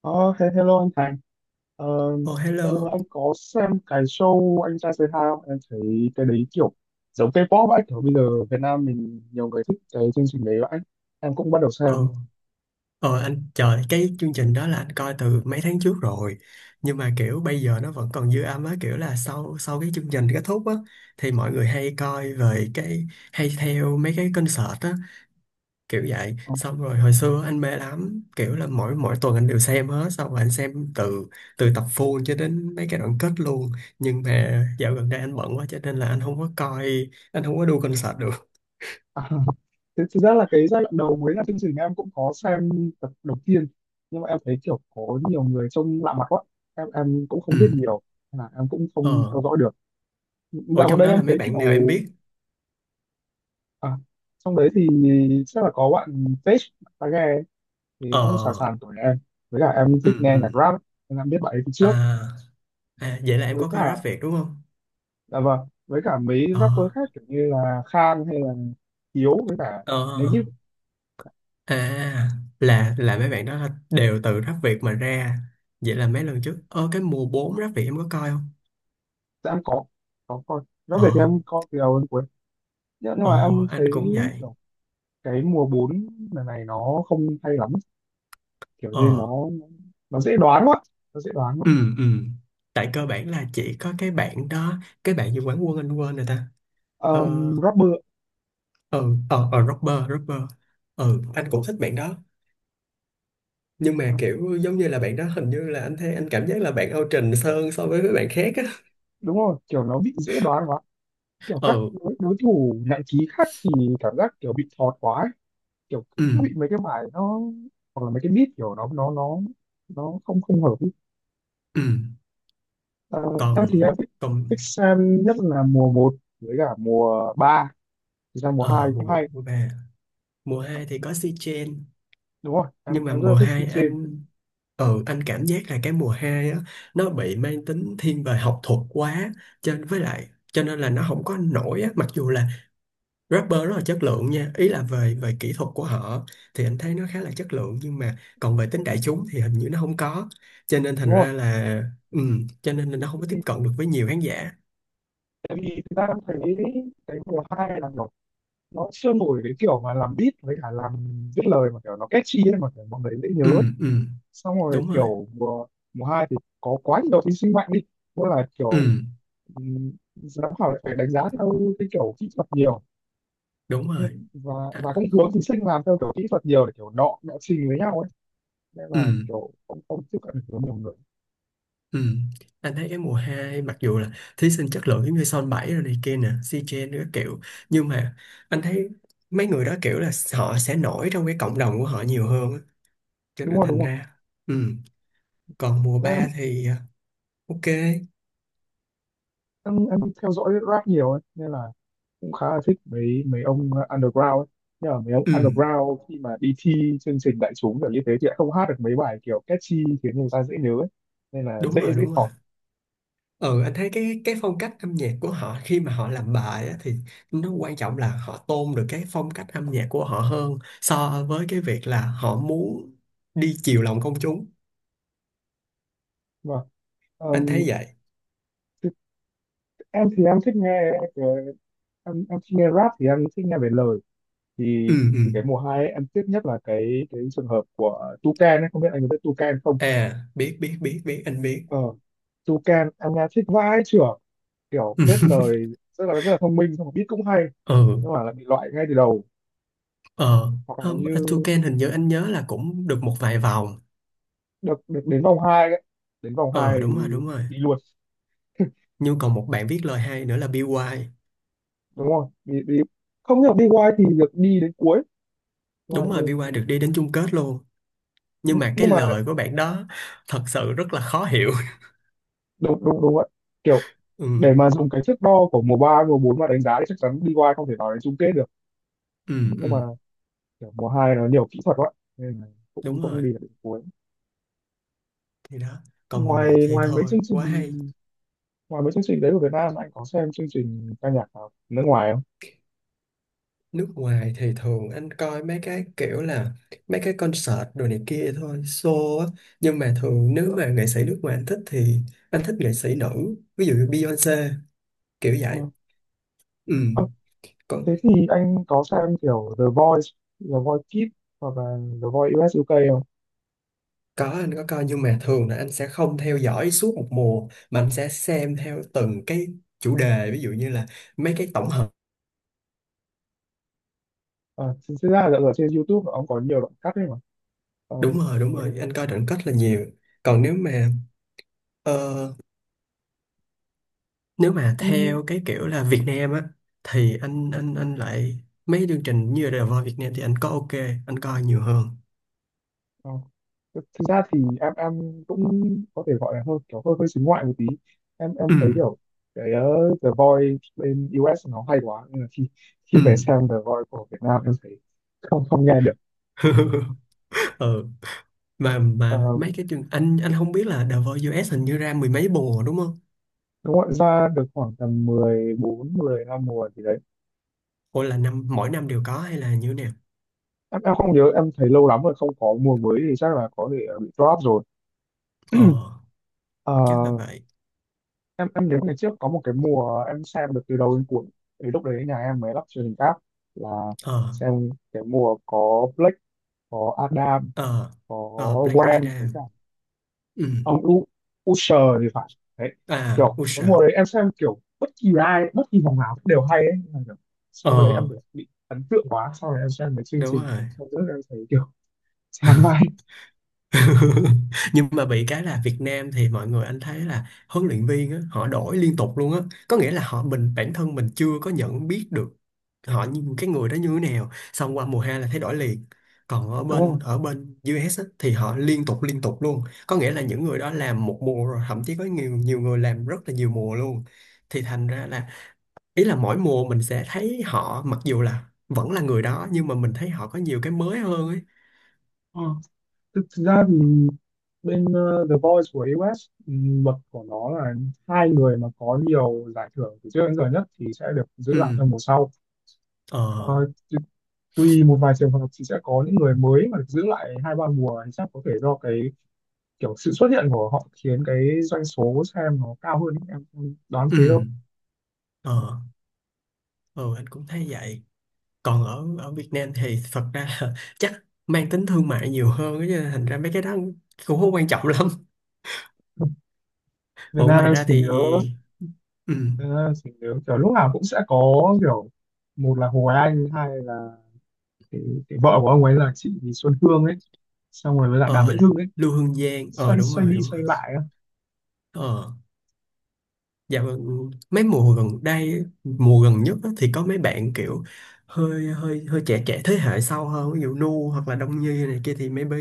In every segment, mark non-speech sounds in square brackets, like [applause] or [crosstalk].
Ờ, Hello anh Thành. Ờ, Ồ, đã lâu hello. anh có xem cái show Anh Trai Say Hi không? Em thấy cái đấy kiểu giống K-pop ấy. Kiểu bây giờ Việt Nam mình nhiều người thích cái chương trình đấy vậy. Em cũng bắt đầu xem. Ồ, ồ anh trời, cái chương trình đó là anh coi từ mấy tháng trước rồi. Nhưng mà kiểu bây giờ nó vẫn còn dư âm á, kiểu là sau sau cái chương trình kết thúc á thì mọi người hay coi về cái hay theo mấy cái concert á, kiểu vậy. Ờ, Xong rồi hồi xưa anh mê lắm, kiểu là mỗi mỗi tuần anh đều xem hết, xong rồi anh xem từ từ tập full cho đến mấy cái đoạn kết luôn. Nhưng mà dạo gần đây anh bận quá cho nên là anh không có coi, anh không có đu concert được. [laughs] à, thực ra là cái giai đoạn đầu mới là chương trình em cũng có xem tập đầu tiên. Nhưng mà em thấy kiểu có nhiều người trông lạ mặt quá. Em cũng Ừ. không biết nhiều. Nên là em cũng không Ờ, theo dõi được. ở Dạo gần trong đây đó em là mấy thấy bạn nào em kiểu... biết? À, trong đấy thì chắc là có bạn Page, bạn ta ghe thì Ờ, cũng sẵn sàng tuổi em, với cả em thích ừ. nghe nhạc rap ấy, nên em biết bạn ấy từ trước, À, à vậy là em với có coi rap cả Việt đúng không? dạ vâng, với cả mấy ờ rapper khác kiểu như là Khan hay là Hiếu với cả ờ Negip. À, là mấy bạn đó là đều từ rap Việt mà ra. Vậy là mấy lần trước, ờ, cái mùa 4 rap Việt em có coi không? Dạ em có coi. Nói Ờ, về thì em coi từ đầu đến cuối, nhưng mà ồ em thấy anh cũng vậy. kiểu cái mùa 4 lần này nó không hay lắm, kiểu như ờ nó nó dễ đoán quá, nó dễ đoán quá. ừ ừ Tại cơ bản là chỉ có cái bạn đó, cái bạn như quán quân anh quên rồi ta. ờ Rapper. ờ ờ ờ rapper, rapper. Ừ, anh cũng thích bạn đó, nhưng ờ, mà kiểu giống như là bạn đó hình như là anh thấy anh cảm giác là bạn out trình hơn so với mấy bạn khác á. Đúng rồi, kiểu nó bị dễ đoán quá, kiểu các ừ đối thủ nặng ký khác thì cảm giác kiểu bị thọt quá ấy. Kiểu ừ cứ bị mấy cái bài nó, hoặc là mấy cái beat kiểu nó nó không, không hợp ý. ừ Ờ, em thì còn em còn thích xem nhất là mùa một với cả mùa ba, thực ra mùa 2 ờ, mùa cũng một, hay. mùa ba, mùa Ờ, hai thì có si chen. Đúng rồi, em Nhưng mà em rất là mùa thích si 2 trên. anh, ừ, anh cảm giác là cái mùa hai á, nó bị mang tính thiên về học thuật quá, cho với lại cho nên là nó không có nổi á, mặc dù là rapper rất là chất lượng nha, ý là về về kỹ thuật của họ thì anh thấy nó khá là chất lượng, nhưng mà còn về tính đại chúng thì hình như nó không có, cho nên Đúng thành rồi, ra là, ừ, cho nên là nó không tại có vì, tiếp cận được với nhiều khán giả. tại vì thực ra em thấy cái mùa 2 là kiểu nó chưa nổi cái kiểu mà làm beat với cả làm viết lời mà kiểu nó catchy ấy, mà kiểu mọi người dễ nhớ ừ ấy. ừ Xong rồi đúng rồi. kiểu mùa mùa 2 thì có quá nhiều thí sinh mạnh đi, tức là Ừ, kiểu Ừ, giám khảo lại phải đánh giá theo cái kiểu kỹ thuật nhiều. đúng Ừ, rồi. và À, cũng hướng thí sinh làm theo kiểu kỹ thuật nhiều để kiểu nọ nọ trình với nhau ấy, nên ừ, là kiểu không, không tiếp cận được với nhiều người. ừ. Anh thấy cái mùa 2 mặc dù là thí sinh chất lượng giống như Son 7 rồi này kia nè, C-Chen các kiểu, nhưng mà anh thấy mấy người đó kiểu là họ sẽ nổi trong cái cộng đồng của họ nhiều hơn á, cho Đúng nên rồi, đúng thành rồi. ra, ừ. Còn mùa Thế em, 3 thì à, ok, em theo dõi rap nhiều ấy nên là cũng khá là thích mấy mấy ông underground ấy, nhưng mà mấy ông ừ. underground khi mà đi thi chương trình đại chúng kiểu như thế thì lại không hát được mấy bài kiểu catchy khiến người ta dễ nhớ ấy, nên là Đúng dễ rồi, dễ đúng rồi. thọt. Ừ, anh thấy cái phong cách âm nhạc của họ khi mà họ làm bài á, thì nó quan trọng là họ tôn được cái phong cách âm nhạc của họ hơn so với cái việc là họ muốn đi chiều lòng công chúng. Và Anh ờm, thấy vậy. thì thì em thích nghe, em thích nghe rap thì em thích nghe về lời. thì Ừ. thì cái mùa hai ấy, em tiếc nhất là cái trường hợp của Tucan ấy, không biết anh có biết Tucan không. À, biết biết biết biết anh biết. ờ Tucan em nghe thích vãi chưởng, kiểu biết [laughs] lời rất là thông minh, xong rồi beat cũng hay, Ừ. nhưng mà lại bị loại ngay từ đầu. Ờ, Hoặc là hôm như Toucan hình như anh nhớ là cũng được một vài vòng. được được đến vòng hai ấy, đến vòng hai Ờ, đúng rồi, thì đúng rồi. đi luôn. Nhưng còn một bạn viết lời hay nữa là BY. Đúng không, đi không hiểu. BY thì được đi đến cuối. Đúng Đúng rồi, đến BY cuối. được đi đến chung kết luôn, nhưng Nh- mà cái nhưng mà lời của bạn đó thật sự rất là khó hiểu. đúng đúng đúng vậy, kiểu [laughs] ừ để mà dùng cái thước đo của mùa 3 mùa 4 mà đánh giá thì chắc chắn đi BY không thể vào đến chung kết được, ừ nhưng ừ mà kiểu mùa hai nó nhiều kỹ thuật quá, nên là cũng đúng rồi. cũng đi được đến cuối. Thì đó, còn mùa Ngoài một thì Ngoài mấy thôi chương trình, quá hay. ngoài mấy chương trình đấy của Việt Nam anh có xem chương trình ca nhạc nào nước ngoài không? Nước ngoài thì thường anh coi mấy cái kiểu là mấy cái concert đồ này kia thôi, show á. Nhưng mà thường nếu mà nghệ sĩ nước ngoài anh thích thì anh thích nghệ sĩ nữ, ví dụ như Beyoncé, kiểu Ờ. vậy. Ừ, Ờ, có. Thế thì anh có xem kiểu The Voice, The Voice Kids hoặc là The Voice US UK không? Có, anh có coi, nhưng mà thường là anh sẽ không theo dõi suốt một mùa mà anh sẽ xem theo từng cái chủ đề, ví dụ như là mấy cái tổng hợp. Ờ, Thực ra là ở trên YouTube nó cũng có nhiều đoạn cắt ấy mà. Ờ, Đúng rồi, đúng đấy, rồi, anh coi đoạn kết là nhiều. Còn nếu mà, ờ, nếu mà em. theo cái kiểu là Việt Nam á, thì anh lại, mấy chương trình như là The Voice Việt Nam thì anh có ok, anh coi nhiều hơn. Ờ. Thực Thực ra thì em cũng có thể gọi là hơi kiểu hơi hơi xính ngoại một tí. Em ừ thấy kiểu cái ờ, The Voice bên US nó hay quá nên là khi, khi ừ về xem The Voice của Việt Nam em thấy không, không nghe được. [laughs] Ừ, Ờ, mà mấy cái chương, anh không biết là The Voice US hình như ra mười mấy mùa đúng không? Đúng rồi, ra được khoảng tầm mười bốn mười 15 mùa thì đấy. Hoặc là năm, mỗi năm đều có hay là như thế nào. Em không nhớ em thấy lâu lắm rồi không có mùa mới thì chắc là có thể ờ, bị drop rồi. Ờ, Ờ, chắc là vậy. em nhớ ngày trước có một cái mùa em xem được từ đầu đến cuối, thì lúc đấy nhà em mới lắp truyền hình cáp, là ờ xem cái mùa có Blake, có Adam, ờ có ờ Black Gwen với cả Adam. Ừ. ông U, Usher thì phải, đấy, À, kiểu cái Usher. mùa đấy em xem kiểu bất kỳ ai bất kỳ vòng nào cũng đều hay ấy. Nhưng mà kiểu, sau cái đấy em Ờ, bị ấn tượng quá, sau đấy em xem mấy chương đúng trình rồi. sau nữa em thấy kiểu chán vai. [laughs] [laughs] Nhưng mà bị cái là Việt Nam thì mọi người anh thấy là huấn luyện viên á, họ đổi liên tục luôn á, có nghĩa là họ, mình bản thân mình chưa có nhận biết được họ, như cái người đó như thế nào, xong qua mùa hai là thấy đổi liền. Còn ở Đúng bên, không. ở bên US á, thì họ liên tục luôn, có nghĩa là những người đó làm một mùa rồi, thậm chí có nhiều, nhiều người làm rất là nhiều mùa luôn, thì thành ra là, ý là mỗi mùa mình sẽ thấy họ mặc dù là vẫn là người đó, nhưng mà mình thấy họ có nhiều cái mới hơn ấy. Ừ. Thực ra thì bên The Voice của US luật của nó là hai người mà có nhiều giải thưởng từ trước đến giờ nhất thì sẽ được giữ lại Ừ, trong mùa sau. Ờ, ờ, tu- tùy một vài trường hợp thì sẽ có những người mới mà được giữ lại hai ba mùa, thì chắc có thể do cái kiểu sự xuất hiện của họ khiến cái doanh số xem nó cao hơn, em không đoán ừ, thế đâu. ờ, ờ, anh cũng thấy vậy. Còn ở ở Việt Nam thì thật ra là [laughs] chắc mang tính thương mại nhiều hơn á, cho nên thành ra mấy cái đó cũng không quan trọng [laughs] lắm. Việt Ủa, Nam ngoài em ra chỉ thì, nhớ, ừ, Việt Nam em chỉ nhớ kiểu lúc nào cũng sẽ có kiểu một là Hồ Anh, hai là cái, cái vợ của ông ấy là chị Xuân Hương ấy, xong rồi với lại Đàm ờ, Vĩnh Hưng ấy, Lưu Hương Giang, ờ xoay đúng xoay rồi, đi đúng xoay rồi. lại á. Ờ, dạ vâng, mấy mùa gần đây, mùa gần nhất á, thì có mấy bạn kiểu hơi hơi hơi trẻ trẻ thế hệ sau hơn, ví dụ Nu hoặc là Đông Nhi này kia thì maybe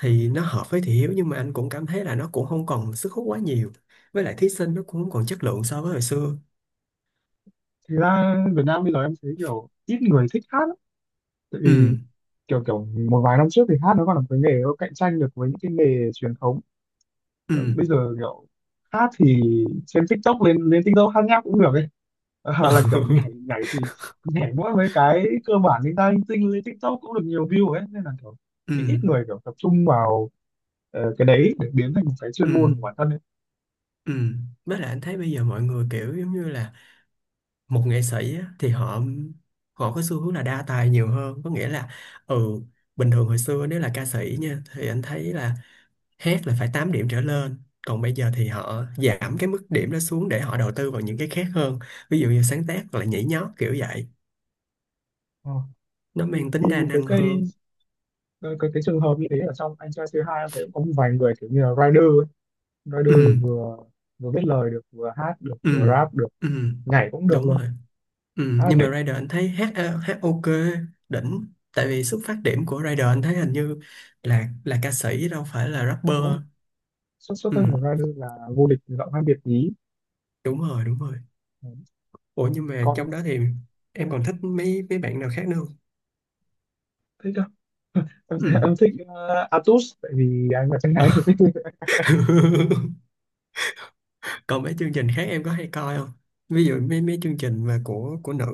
thì nó hợp với Thị Hiếu, nhưng mà anh cũng cảm thấy là nó cũng không còn sức hút quá nhiều. Với lại thí sinh nó cũng không còn chất lượng so với hồi xưa. Thực ra Việt Nam bây giờ em thấy kiểu ít người thích hát lắm, tại vì Ừ, kiểu kiểu một vài năm trước thì hát nó còn là một cái nghề nó cạnh tranh được với những cái nghề truyền thống, ừ, còn bây giờ kiểu hát thì trên TikTok lên lên TikTok hát nháp cũng được ấy. ừ, Là kiểu [laughs] nhảy nhảy thì nhảy mỗi mấy cái cơ bản linh ta linh tinh lên TikTok cũng được nhiều view ấy, nên là kiểu ừ, ít ít người kiểu tập trung vào cái đấy để biến thành một cái chuyên ừ. môn của bản thân ấy. Ừ, với lại anh thấy bây giờ mọi người kiểu giống như là một nghệ sĩ á, thì họ, họ có xu hướng là đa tài nhiều hơn, có nghĩa là, ừ, bình thường hồi xưa nếu là ca sĩ nha thì anh thấy là hát là phải 8 điểm trở lên, còn bây giờ thì họ giảm cái mức điểm đó xuống để họ đầu tư vào những cái khác hơn, ví dụ như sáng tác hoặc là nhảy nhót kiểu vậy, Ờ. nó Thì mang tính đa thấy năng cây hơn. Cái trường hợp như thế ở trong anh trai C2 em thấy cũng có một vài người kiểu như là rider ấy. ừ Rider vừa vừa viết lời được, vừa hát được, vừa ừ rap được, ừ nhảy cũng được đúng luôn, rồi. Ừ, khá là nhưng đỉnh. mà Rider anh thấy hát, hát ok, đỉnh, tại vì xuất phát điểm của Rider anh thấy hình như là ca sĩ đâu phải là rapper. Đúng không, xuất xuất Ừ, thân của rider là vô địch giọng hát Việt nhí. đúng rồi, đúng rồi. Đấy. Ủa, nhưng mà Còn trong đó thì em còn thích mấy, mấy bạn nào khác nữa không? thích không? Em thấy- Ừ. em thích Atus tại vì anh là chân Ờ. gái thì thích. [laughs] [laughs] Còn mấy chương trình khác em có hay coi không, ví dụ mấy, mấy chương trình mà của nữ?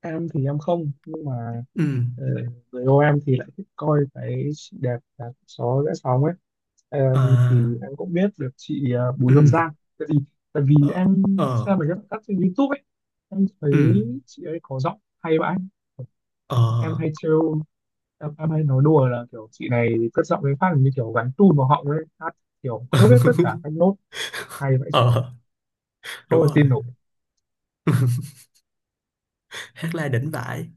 Em thì em không, nhưng mà Ừ, ờ, người yêu em thì lại thích coi cái chị đẹp đạp gió rẽ sóng ấy. Em à, thì em cũng biết được chị Bùi Hương ừ, Giang, tại vì, tại vì ờ, em ờ, xem mấy cái cắt trên YouTube ấy, em thấy ừ, chị ấy có giọng hay vậy. ờ, Em hay trêu, em hay nói đùa là kiểu chị này cất giọng với phát như kiểu gắn tune vào họng ấy hát, kiểu khớp hết tất cả [laughs] các nốt, hay vậy chứ, ờ, không đúng thể rồi. tin nổi. [laughs] Hát la đỉnh vãi.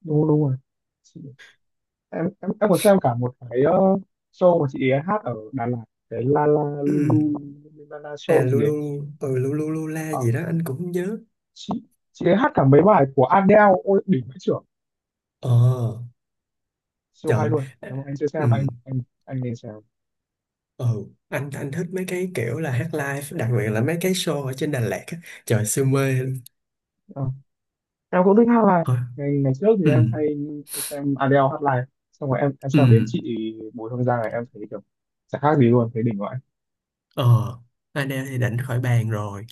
Đúng đúng rồi. Chị, em còn xem cả một cái show mà chị ấy hát ở Đà Lạt, cái La La Ừ. Lu, Lu La La À, Show gì ấy. lulu. Ừ, lulu lula Ờ, gì đó anh cũng nhớ. chị chị ấy hát cả mấy bài của Adele, ôi đỉnh vãi chưởng, Ờ, siêu hay trời. luôn, nếu mà anh chưa xem Ừ, anh nên xem. ừ, anh thích mấy cái kiểu là hát live, đặc biệt là mấy cái show ở trên Đà Lạt á. Trời siêu mê luôn. Ờ, em cũng thích hát live. Thôi. Ngày Ngày trước thì Ừ, em hay xem Adele hát live, xong rồi em ừ. xem đến chị Bùi Hương Giang này em thấy kiểu chẳng khác gì luôn, thấy đỉnh vậy. Ờ, anh em thì định khỏi bàn rồi,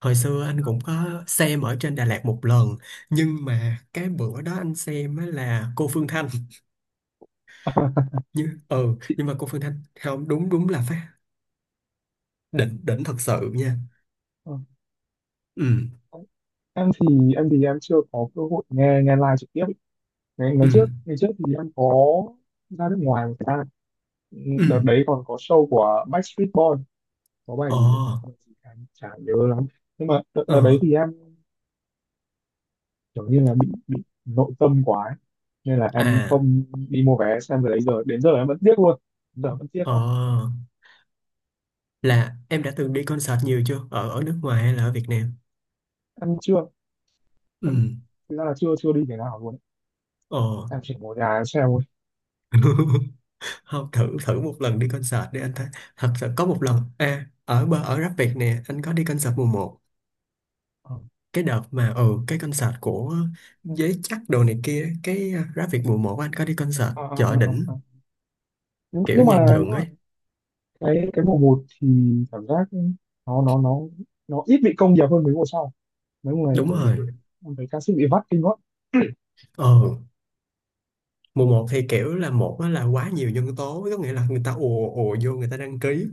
hồi xưa anh cũng có xem ở trên Đà Lạt một lần, nhưng mà cái bữa đó anh xem á là cô Phương Thanh, [laughs] như ừ, Chị nhưng mà cô Phương Thanh, không đúng, đúng là phát đỉnh, đỉnh thật sự nha. ờ, ừ em thì em thì em chưa có cơ hội nghe, nghe live trực tiếp ý. Ngày ngày ừ trước Ngày trước thì em có ra nước ngoài một thời gian. Ừ, ừ đợt đấy còn có show của Backstreet Boys, có bài Ờ, gì, bài gì em chả nhớ lắm, nhưng mà ờ, đợt đấy thì em kiểu như là bị nội tâm quá ấy, nên là em à, không đi mua vé xem, từ đấy giờ đến giờ em vẫn tiếc luôn, giờ vẫn tiếc ờ, quá. là em đã từng đi concert nhiều chưa, ở ở nước ngoài hay là ở Việt Nam? Em chưa, Ừ, em thực ra là chưa chưa đi cái nào luôn ấy. ờ. Em chỉ ngồi nhà em xem thôi. [laughs] Không, thử, thử một lần đi concert để anh thấy. Thật sự có một lần à, ở bờ ở Rap Việt nè, anh có đi concert mùa một. Ờ. Cái đợt mà, ừ, cái concert của Giới Chắc đồ này kia, cái à, Rap Việt mùa một anh có đi concert Ờ, ờ, chợ ờ, đỉnh ờ, ờ. nhưng kiểu nhưng dàn mà dựng nhưng mà ấy. Cái mùa một thì cảm giác nó nó ít bị công nghiệp hơn mấy mùa sau, mấy mùa này Đúng kiểu bị, rồi. em thấy ca sĩ bị vắt kinh quá. Ờ, mùa một thì kiểu là một á là quá nhiều nhân tố, có nghĩa là người ta ùa ùa vô người ta đăng ký,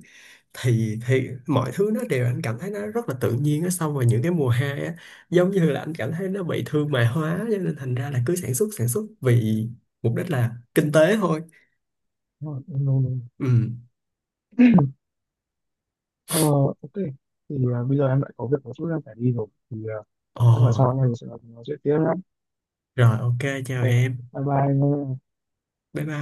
thì mọi thứ nó đều, anh cảm thấy nó rất là tự nhiên á, xong rồi những cái mùa hai á giống như là anh cảm thấy nó bị thương mại hóa, cho nên thành ra là cứ sản xuất vì mục đích là kinh tế thôi. Nó. Ừ, Ờ, ok. Thì à, bây giờ em lại có việc một chút em phải đi rồi. Thì à, ồ, chắc là sau anh em sẽ nói chuyện tiếp nhé. rồi, ok. Chào Ok, em. bye bye. Bye bye.